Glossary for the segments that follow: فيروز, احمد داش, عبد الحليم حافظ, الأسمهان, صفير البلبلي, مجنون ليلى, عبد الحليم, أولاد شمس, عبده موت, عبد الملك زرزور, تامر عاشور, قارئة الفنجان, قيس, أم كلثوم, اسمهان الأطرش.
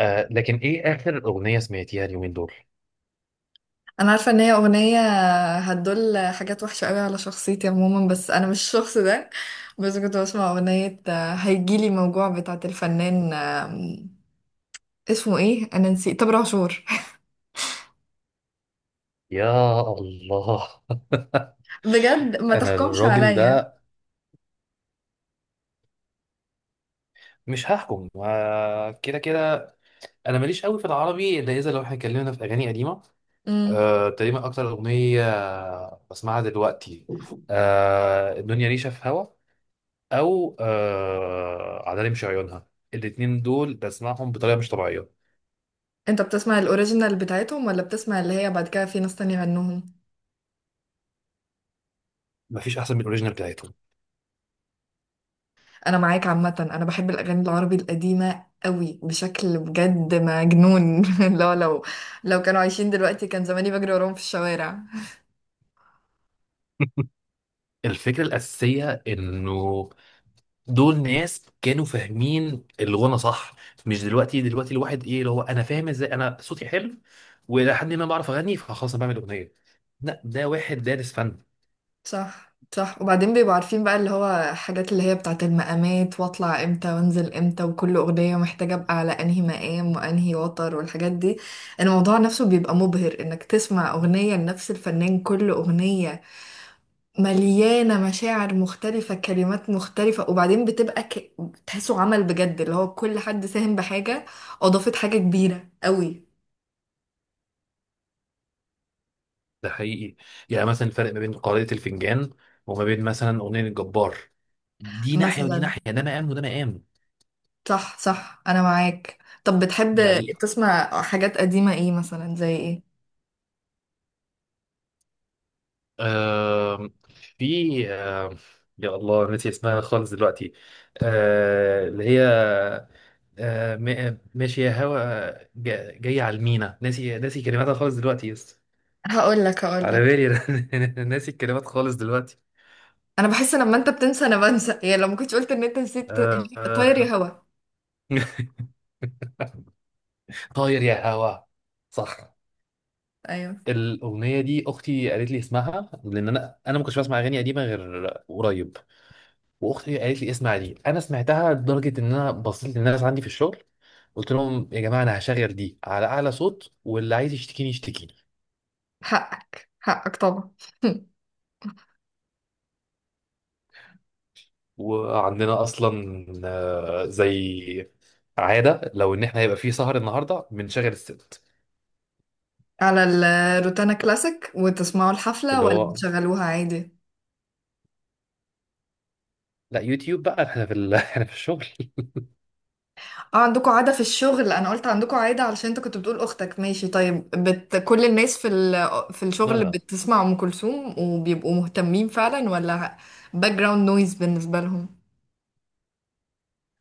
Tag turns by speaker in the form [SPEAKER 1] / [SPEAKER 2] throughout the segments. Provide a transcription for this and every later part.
[SPEAKER 1] لكن ايه اخر اغنية سمعتيها اليومين دول؟
[SPEAKER 2] انا عارفه ان هي اغنيه هتدل حاجات وحشه قوي على شخصيتي عموما، بس انا مش الشخص ده. بس كنت بسمع اغنيه هيجيلي موجوع بتاعه الفنان، اسمه ايه، انا نسيت، تامر عاشور.
[SPEAKER 1] يا الله.
[SPEAKER 2] بجد ما
[SPEAKER 1] انا
[SPEAKER 2] تحكمش
[SPEAKER 1] الراجل
[SPEAKER 2] عليا.
[SPEAKER 1] ده مش هحكم، كده كده. انا ماليش قوي في العربي، الا اذا لو احنا اتكلمنا في اغاني قديمة.
[SPEAKER 2] امم.
[SPEAKER 1] تقريبا اكتر اغنية بسمعها دلوقتي، الدنيا ريشة في هوا، او عدالي مش عيونها. الاتنين دول بسمعهم بطريقة مش طبيعية.
[SPEAKER 2] انت بتسمع الاوريجينال بتاعتهم ولا بتسمع اللي هي بعد كده في ناس تانية غنوهم؟
[SPEAKER 1] مفيش احسن من الاوريجينال بتاعتهم.
[SPEAKER 2] انا معاك. عامه انا بحب الاغاني العربي القديمه قوي بشكل بجد مجنون. لو لو لو كانوا عايشين دلوقتي كان زماني بجري وراهم في الشوارع.
[SPEAKER 1] الفكرة الأساسية إنه دول ناس كانوا فاهمين الغنى صح، مش دلوقتي. دلوقتي الواحد، ايه اللي هو انا فاهم ازاي انا صوتي حلو والى حد ما بعرف اغني، فخلاص انا بعمل اغنيه. لا، ده واحد دارس فن.
[SPEAKER 2] صح، صح، وبعدين بيبقوا عارفين بقى اللي هو حاجات اللي هي بتاعت المقامات، واطلع امتى وانزل امتى، وكل اغنية محتاجة ابقى على انهي مقام وانهي وتر والحاجات دي. الموضوع نفسه بيبقى مبهر، انك تسمع اغنية لنفس الفنان، كل اغنية مليانة مشاعر مختلفة، كلمات مختلفة. وبعدين بتبقى تحسه عمل بجد، اللي هو كل حد ساهم بحاجة، اضافت حاجة كبيرة قوي.
[SPEAKER 1] ده حقيقي. يعني مثلا الفرق ما بين قارئة الفنجان وما بين مثلا اغنيه الجبار، دي ناحيه ودي
[SPEAKER 2] مثلا.
[SPEAKER 1] ناحيه، ده مقام وده مقام.
[SPEAKER 2] صح، صح، انا معاك. طب بتحب
[SPEAKER 1] بل.
[SPEAKER 2] تسمع حاجات قديمة، ايه مثلا، زي ايه؟
[SPEAKER 1] آه في، يا الله، نسي اسمها خالص دلوقتي. اللي هي، ماشي يا هوا، جاي على المينا، ناسي ناسي كلماتها خالص دلوقتي يس.
[SPEAKER 2] هقول لك هقول
[SPEAKER 1] على
[SPEAKER 2] لك
[SPEAKER 1] بالي. أنا ناسي الكلمات خالص دلوقتي.
[SPEAKER 2] انا بحس لما انت بتنسى انا بنسى، يعني لو ما كنتش قلت ان انت نسيت.
[SPEAKER 1] آه
[SPEAKER 2] طاير
[SPEAKER 1] آه.
[SPEAKER 2] يا هوا.
[SPEAKER 1] طاير يا هوا. صح.
[SPEAKER 2] ايوه.
[SPEAKER 1] الأغنية دي أختي قالت لي اسمها، لأن أنا ما كنتش بسمع أغاني قديمة غير قريب. وأختي قالت لي اسمع دي، أنا سمعتها لدرجة إن أنا بصيت للناس عندي في الشغل، قلت لهم يا جماعة، أنا هشغل دي على أعلى صوت واللي عايز يشتكيني يشتكي.
[SPEAKER 2] حقك، حقك طبعا.
[SPEAKER 1] وعندنا اصلا زي عاده، لو ان احنا هيبقى في سهر النهارده بنشغل الست.
[SPEAKER 2] على الروتانا كلاسيك وتسمعوا الحفلة
[SPEAKER 1] اللي
[SPEAKER 2] ولا
[SPEAKER 1] هو
[SPEAKER 2] بتشغلوها عادي؟
[SPEAKER 1] لا، يوتيوب بقى. احنا في الشغل.
[SPEAKER 2] اه عندكم عادة في الشغل، انا قلت عندكم عادة علشان انت كنت بتقول اختك ماشي طيب، كل الناس في
[SPEAKER 1] لا
[SPEAKER 2] الشغل
[SPEAKER 1] لا.
[SPEAKER 2] بتسمع ام كلثوم وبيبقوا مهتمين فعلا ولا باك جراوند نويز بالنسبة لهم؟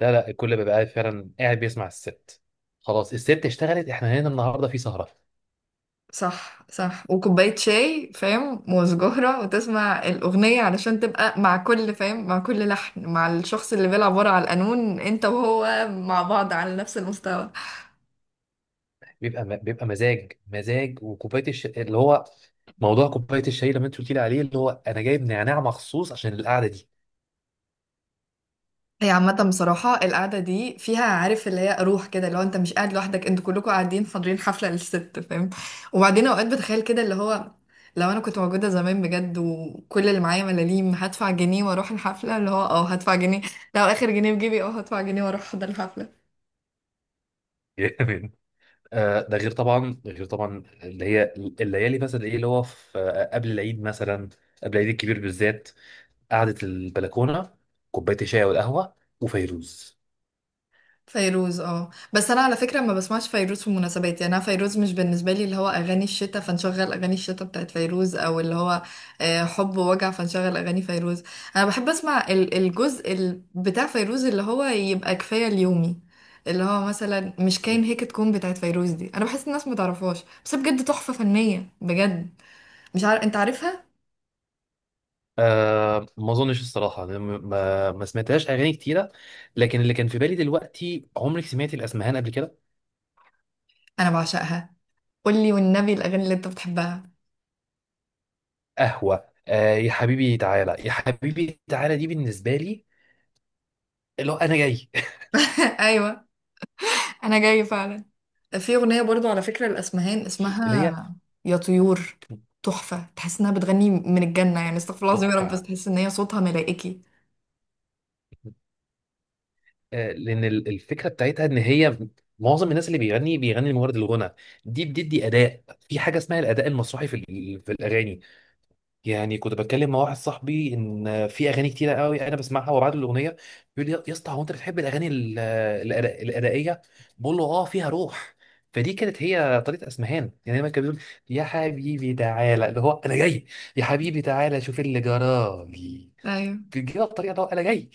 [SPEAKER 1] لا لا، الكل بيبقى قاعد فعلا، قاعد بيسمع الست. خلاص، الست اشتغلت، احنا هنا النهارده في سهره.
[SPEAKER 2] صح، صح، وكوباية شاي فاهم وسجارة وتسمع الأغنية علشان تبقى مع كل فاهم، مع كل لحن، مع الشخص اللي بيلعب ورا على القانون انت وهو مع بعض على نفس المستوى.
[SPEAKER 1] بيبقى مزاج مزاج، وكوبايه اللي هو موضوع كوبايه الشاي اللي انت قلت لي عليه، اللي هو انا جايب نعناع مخصوص عشان القعده دي.
[SPEAKER 2] هي عامة بصراحة القعدة دي فيها، عارف، اللي هي روح كده، اللي هو انت مش قاعد لوحدك، انتوا كلكم قاعدين حاضرين حفلة للست، فاهم. وبعدين اوقات بتخيل كده اللي هو، لو انا كنت موجودة زمان بجد وكل اللي معايا ملاليم هدفع جنيه واروح الحفلة، اللي هو اه هدفع جنيه. لو اخر جنيه في جيبي اه هدفع جنيه واروح احضر الحفلة.
[SPEAKER 1] ده غير طبعا، غير طبعا اللي هي الليالي مثلا، ايه اللي هو في، قبل العيد مثلا. قبل العيد الكبير بالذات. قعدة البلكونة، كوباية الشاي والقهوة، وفيروز.
[SPEAKER 2] فيروز، اه. بس انا على فكره ما بسمعش فيروز في مناسبات، يعني انا فيروز مش بالنسبه لي اللي هو اغاني الشتاء، فنشغل اغاني الشتاء بتاعت فيروز، او اللي هو حب ووجع، فنشغل اغاني فيروز. انا بحب اسمع الجزء بتاع فيروز اللي هو يبقى كفايه اليومي، اللي هو مثلا مش كاين
[SPEAKER 1] مم.
[SPEAKER 2] هيك تكون، بتاعت فيروز دي، انا بحس الناس ما تعرفهاش، بس بجد تحفه فنيه بجد. مش عارف انت عارفها.
[SPEAKER 1] ما اظنش الصراحة، أنا ما سمعتهاش اغاني كتيرة. لكن اللي كان في بالي دلوقتي، عمرك سمعتي الاسمهان قبل كده؟
[SPEAKER 2] انا بعشقها. قولي والنبي الاغاني اللي انت بتحبها.
[SPEAKER 1] قهوة. آه يا حبيبي تعالى. يا حبيبي تعالى، دي بالنسبة لي، اللي هو انا جاي.
[SPEAKER 2] ايوه. انا جاي فعلا. في أغنية برضو على فكرة الأسمهان
[SPEAKER 1] اللي هي
[SPEAKER 2] اسمها يا طيور، تحفة، تحس إنها بتغني من الجنة، يعني استغفر الله العظيم يا رب، بس
[SPEAKER 1] تحفة.
[SPEAKER 2] تحس إن هي صوتها ملائكي.
[SPEAKER 1] لان الفكره بتاعتها ان هي، معظم الناس اللي بيغني بيغني لمجرد الغنى. دي بتدي اداء، في حاجه اسمها الاداء المسرحي في الاغاني. يعني كنت بتكلم مع واحد صاحبي، ان في اغاني كتيره قوي انا بسمعها، وبعد الاغنيه بيقول لي، يا اسطى هو انت بتحب الاغاني الادائيه؟ بقول له اه، فيها روح. فدي كانت هي طريقه اسمهان. يعني دايما كان بيقول، يا حبيبي تعالى اللي هو انا جاي، يا حبيبي تعالى شوف اللي جرالي.
[SPEAKER 2] ايوه،
[SPEAKER 1] بتجيبها بطريقه اللي هو انا جاي.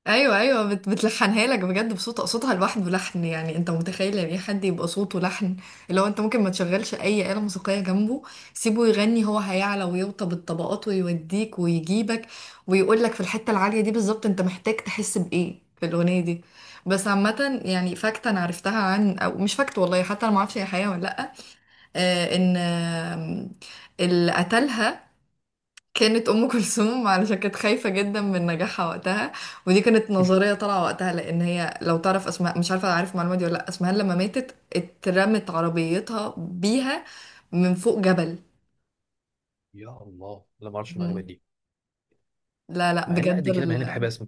[SPEAKER 2] ايوه، ايوه، بتلحنها لك بجد بصوت، صوتها لوحده لحن. يعني انت متخيل يعني ايه حد يبقى صوته لحن؟ لو انت ممكن ما تشغلش اي آلة موسيقية جنبه، سيبه يغني، هو هيعلى ويوطى الطبقات ويوديك ويجيبك، ويقول لك في الحتة العالية دي بالظبط انت محتاج تحس بايه في الأغنية دي. بس عامة يعني فاكت انا عرفتها عن، او مش فاكت والله، حتى انا ما اعرفش هي حقيقة ولا لا، آه ان آه اللي قتلها كانت ام كلثوم علشان كانت خايفه جدا من نجاحها وقتها. ودي كانت نظريه طالعه وقتها لان هي، لو تعرف اسماء، مش عارفه، عارف المعلومه دي ولا لا، اسمها لما ماتت اترمت عربيتها بيها من فوق جبل.
[SPEAKER 1] يا الله، لا ما اعرفش المعلومه
[SPEAKER 2] مم.
[SPEAKER 1] دي.
[SPEAKER 2] لا، لا،
[SPEAKER 1] مع ان
[SPEAKER 2] بجد
[SPEAKER 1] قد كده، مع اني بحب اسمع.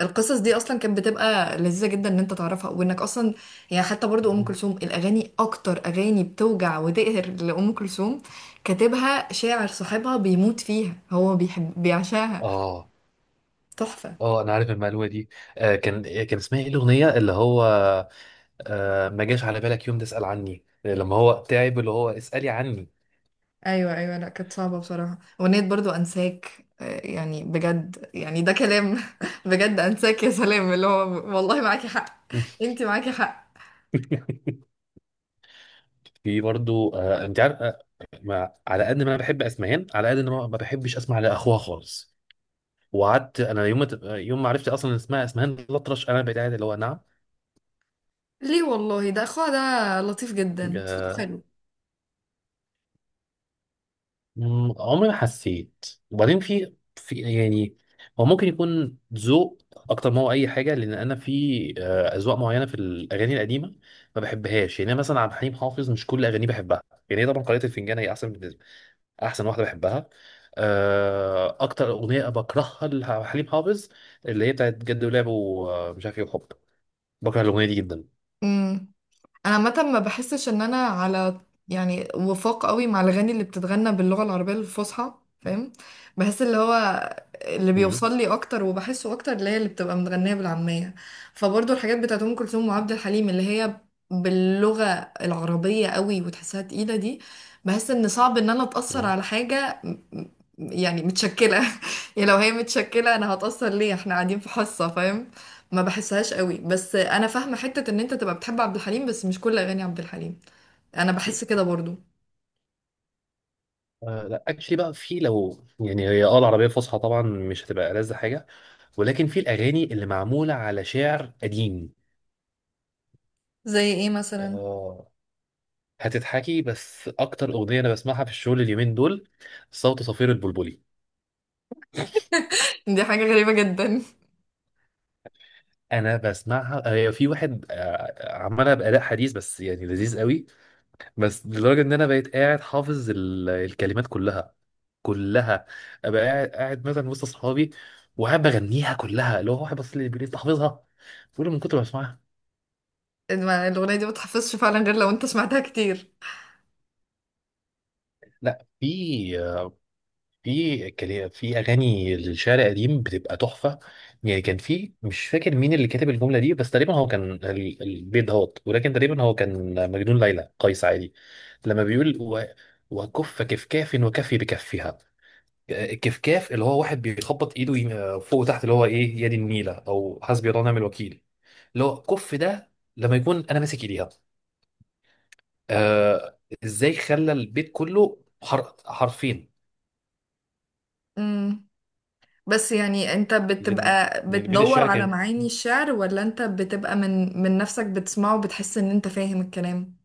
[SPEAKER 2] القصص دي اصلا كانت بتبقى لذيذه جدا ان انت تعرفها، وانك اصلا يعني، حتى برضو ام كلثوم الاغاني، اكتر اغاني بتوجع وتقهر لام كلثوم، كاتبها شاعر صاحبها بيموت فيها، هو بيحب، بيعشاها.
[SPEAKER 1] اه
[SPEAKER 2] تحفه.
[SPEAKER 1] اه، انا عارف المعلومه دي. كان اسمها ايه الاغنيه اللي هو، ما جاش على بالك يوم تسال عني، لما هو تعب اللي هو اسالي عني.
[SPEAKER 2] ايوه، ايوه، لا كانت صعبه بصراحه اغنيه، برضو انساك، يعني بجد، يعني ده كلام. بجد انساك يا سلام، اللي هو والله معاكي حق، انتي معاكي حق.
[SPEAKER 1] في برضو، انت عارف، ما على قد ما انا بحب اسمهان على قد ان انا ما بحبش اسمع لاخوها خالص. وقعدت انا يوم ما عرفت اصلا إن اسمها اسمهان الأطرش، انا بقيت قاعد اللي هو.
[SPEAKER 2] ليه والله، ده اخوها ده لطيف جدا
[SPEAKER 1] نعم.
[SPEAKER 2] صوته.
[SPEAKER 1] عمري ما حسيت. وبعدين في يعني، هو ممكن يكون ذوق اكتر ما هو اي حاجه، لان انا في اذواق معينه في الاغاني القديمه ما بحبهاش. يعني أنا مثلا عبد الحليم حافظ مش كل اغانيه بحبها. يعني هي طبعا قارئة الفنجان هي احسن بالنسبه، احسن واحده بحبها. اكتر اغنيه بكرهها لعبد الحليم حافظ اللي هي بتاعت جد ولعب ومش عارف ايه وحب، بكره الاغنيه دي جدا.
[SPEAKER 2] حلو. انا عامه ما بحسش ان انا على، يعني، وفاق قوي مع الاغاني اللي بتتغنى باللغه العربيه الفصحى، فاهم. بحس اللي هو اللي
[SPEAKER 1] مم،
[SPEAKER 2] بيوصل لي اكتر وبحسه اكتر اللي هي اللي بتبقى متغنيه بالعاميه. فبرضه الحاجات بتاعت ام كلثوم وعبد الحليم اللي هي باللغه العربيه قوي وتحسها تقيله دي، بحس ان صعب ان انا اتاثر
[SPEAKER 1] مم.
[SPEAKER 2] على حاجه يعني متشكله. يعني لو هي متشكله انا هتاثر ليه، احنا قاعدين في حصه فاهم. ما بحسهاش قوي. بس انا فاهمه حته ان انت تبقى بتحب عبد الحليم بس مش كل اغاني عبد الحليم، انا بحس كده برضو.
[SPEAKER 1] لا اكشلي بقى، في لو يعني هي العربيه الفصحى طبعا مش هتبقى ألذ حاجه. ولكن في الأغاني اللي معمولة على شعر قديم.
[SPEAKER 2] زي ايه مثلا؟
[SPEAKER 1] آه هتضحكي، بس أكتر أغنية أنا بسمعها في الشغل اليومين دول، صوت صفير البلبلي.
[SPEAKER 2] دي حاجه غريبه جدا.
[SPEAKER 1] أنا بسمعها. في واحد عملها بأداء حديث، بس يعني لذيذ قوي. بس لدرجة إن أنا بقيت قاعد حافظ الكلمات كلها كلها. أبقى قاعد قاعد مثلا وسط أصحابي، وقاعد بغنيها كلها، اللي هو واحد بس اللي بيقول لي، أنت حافظها؟ بقول له، من كتر ما بسمعها.
[SPEAKER 2] إن الاغنيه دي ما تحفظش فعلا غير لو انت سمعتها كتير.
[SPEAKER 1] لا، في اغاني للشعر القديم بتبقى تحفه. يعني كان في، مش فاكر مين اللي كاتب الجمله دي، بس تقريبا هو كان البيت دهوت، ولكن تقريبا هو كان مجنون ليلى قيس عادي. لما بيقول وكف كفكاف وكفي بكفها. كفكاف اللي هو واحد بيخبط ايده، فوق وتحت، اللي هو ايه، يد النيله او حسبي الله ونعم الوكيل، اللي هو كف ده لما يكون انا ماسك ايديها. ازاي خلى البيت كله حرفين.
[SPEAKER 2] امم. بس يعني انت
[SPEAKER 1] لان
[SPEAKER 2] بتبقى
[SPEAKER 1] لان بيت
[SPEAKER 2] بتدور
[SPEAKER 1] الشعر
[SPEAKER 2] على
[SPEAKER 1] كان
[SPEAKER 2] معاني الشعر، ولا انت بتبقى من نفسك بتسمعه وبتحس ان انت فاهم الكلام؟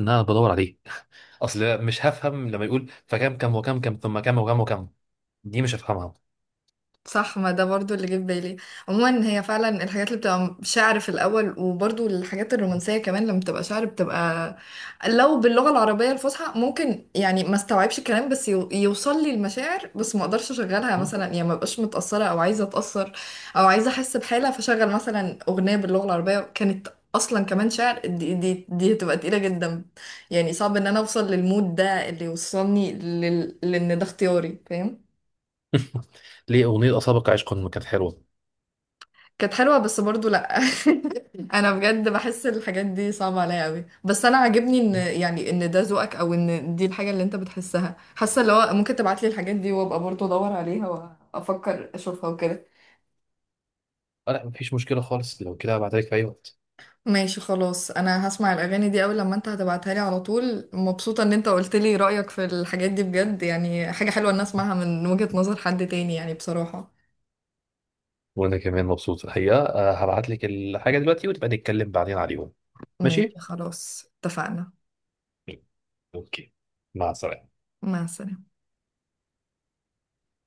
[SPEAKER 1] ان انا بدور عليه، اصل. مش هفهم لما يقول، فكم كم وكم كم ثم كم وكم وكم، دي مش هفهمها.
[SPEAKER 2] صح، ما ده برضو اللي جه في بالي. عموما هي فعلا الحاجات اللي بتبقى شعر في الاول، وبرضو الحاجات الرومانسيه كمان لما بتبقى شعر بتبقى، لو باللغه العربيه الفصحى ممكن يعني ما استوعبش الكلام، بس يوصل لي المشاعر، بس ما اقدرش اشغلها
[SPEAKER 1] مم.
[SPEAKER 2] مثلا، يعني ما بقاش متاثره او عايزه اتاثر او عايزه احس بحاله. فشغل مثلا اغنيه باللغه العربيه كانت اصلا كمان شعر، دي هتبقى تقيله جدا. يعني صعب ان انا اوصل للمود ده اللي يوصلني لان ده اختياري فاهم.
[SPEAKER 1] ليه اغنيه اصابك عشق ما كانت حلوه؟
[SPEAKER 2] كانت حلوة بس برضو لأ. أنا بجد بحس الحاجات دي صعبة عليا أوي، بس أنا عاجبني إن،
[SPEAKER 1] مم.
[SPEAKER 2] يعني إن ده ذوقك، أو إن دي الحاجة اللي أنت بتحسها، حاسة اللي هو ممكن تبعتلي الحاجات دي وأبقى برضو أدور عليها وأفكر أشوفها وكده.
[SPEAKER 1] لا مفيش مشكله خالص، لو كده هبعتلك في اي وقت.
[SPEAKER 2] ماشي، خلاص. أنا هسمع الأغاني دي أول لما أنت هتبعتها لي على طول. مبسوطة إن أنت قلت لي رأيك في الحاجات دي، بجد يعني حاجة حلوة إن أسمعها من وجهة نظر حد تاني يعني بصراحة.
[SPEAKER 1] وانا كمان مبسوط الحقيقه، هبعتلك الحاجه دلوقتي وتبقى نتكلم بعدين عليهم.
[SPEAKER 2] ماشي،
[SPEAKER 1] ماشي.
[SPEAKER 2] خلاص، اتفقنا.
[SPEAKER 1] اوكي. مع السلامه.
[SPEAKER 2] مع السلامة.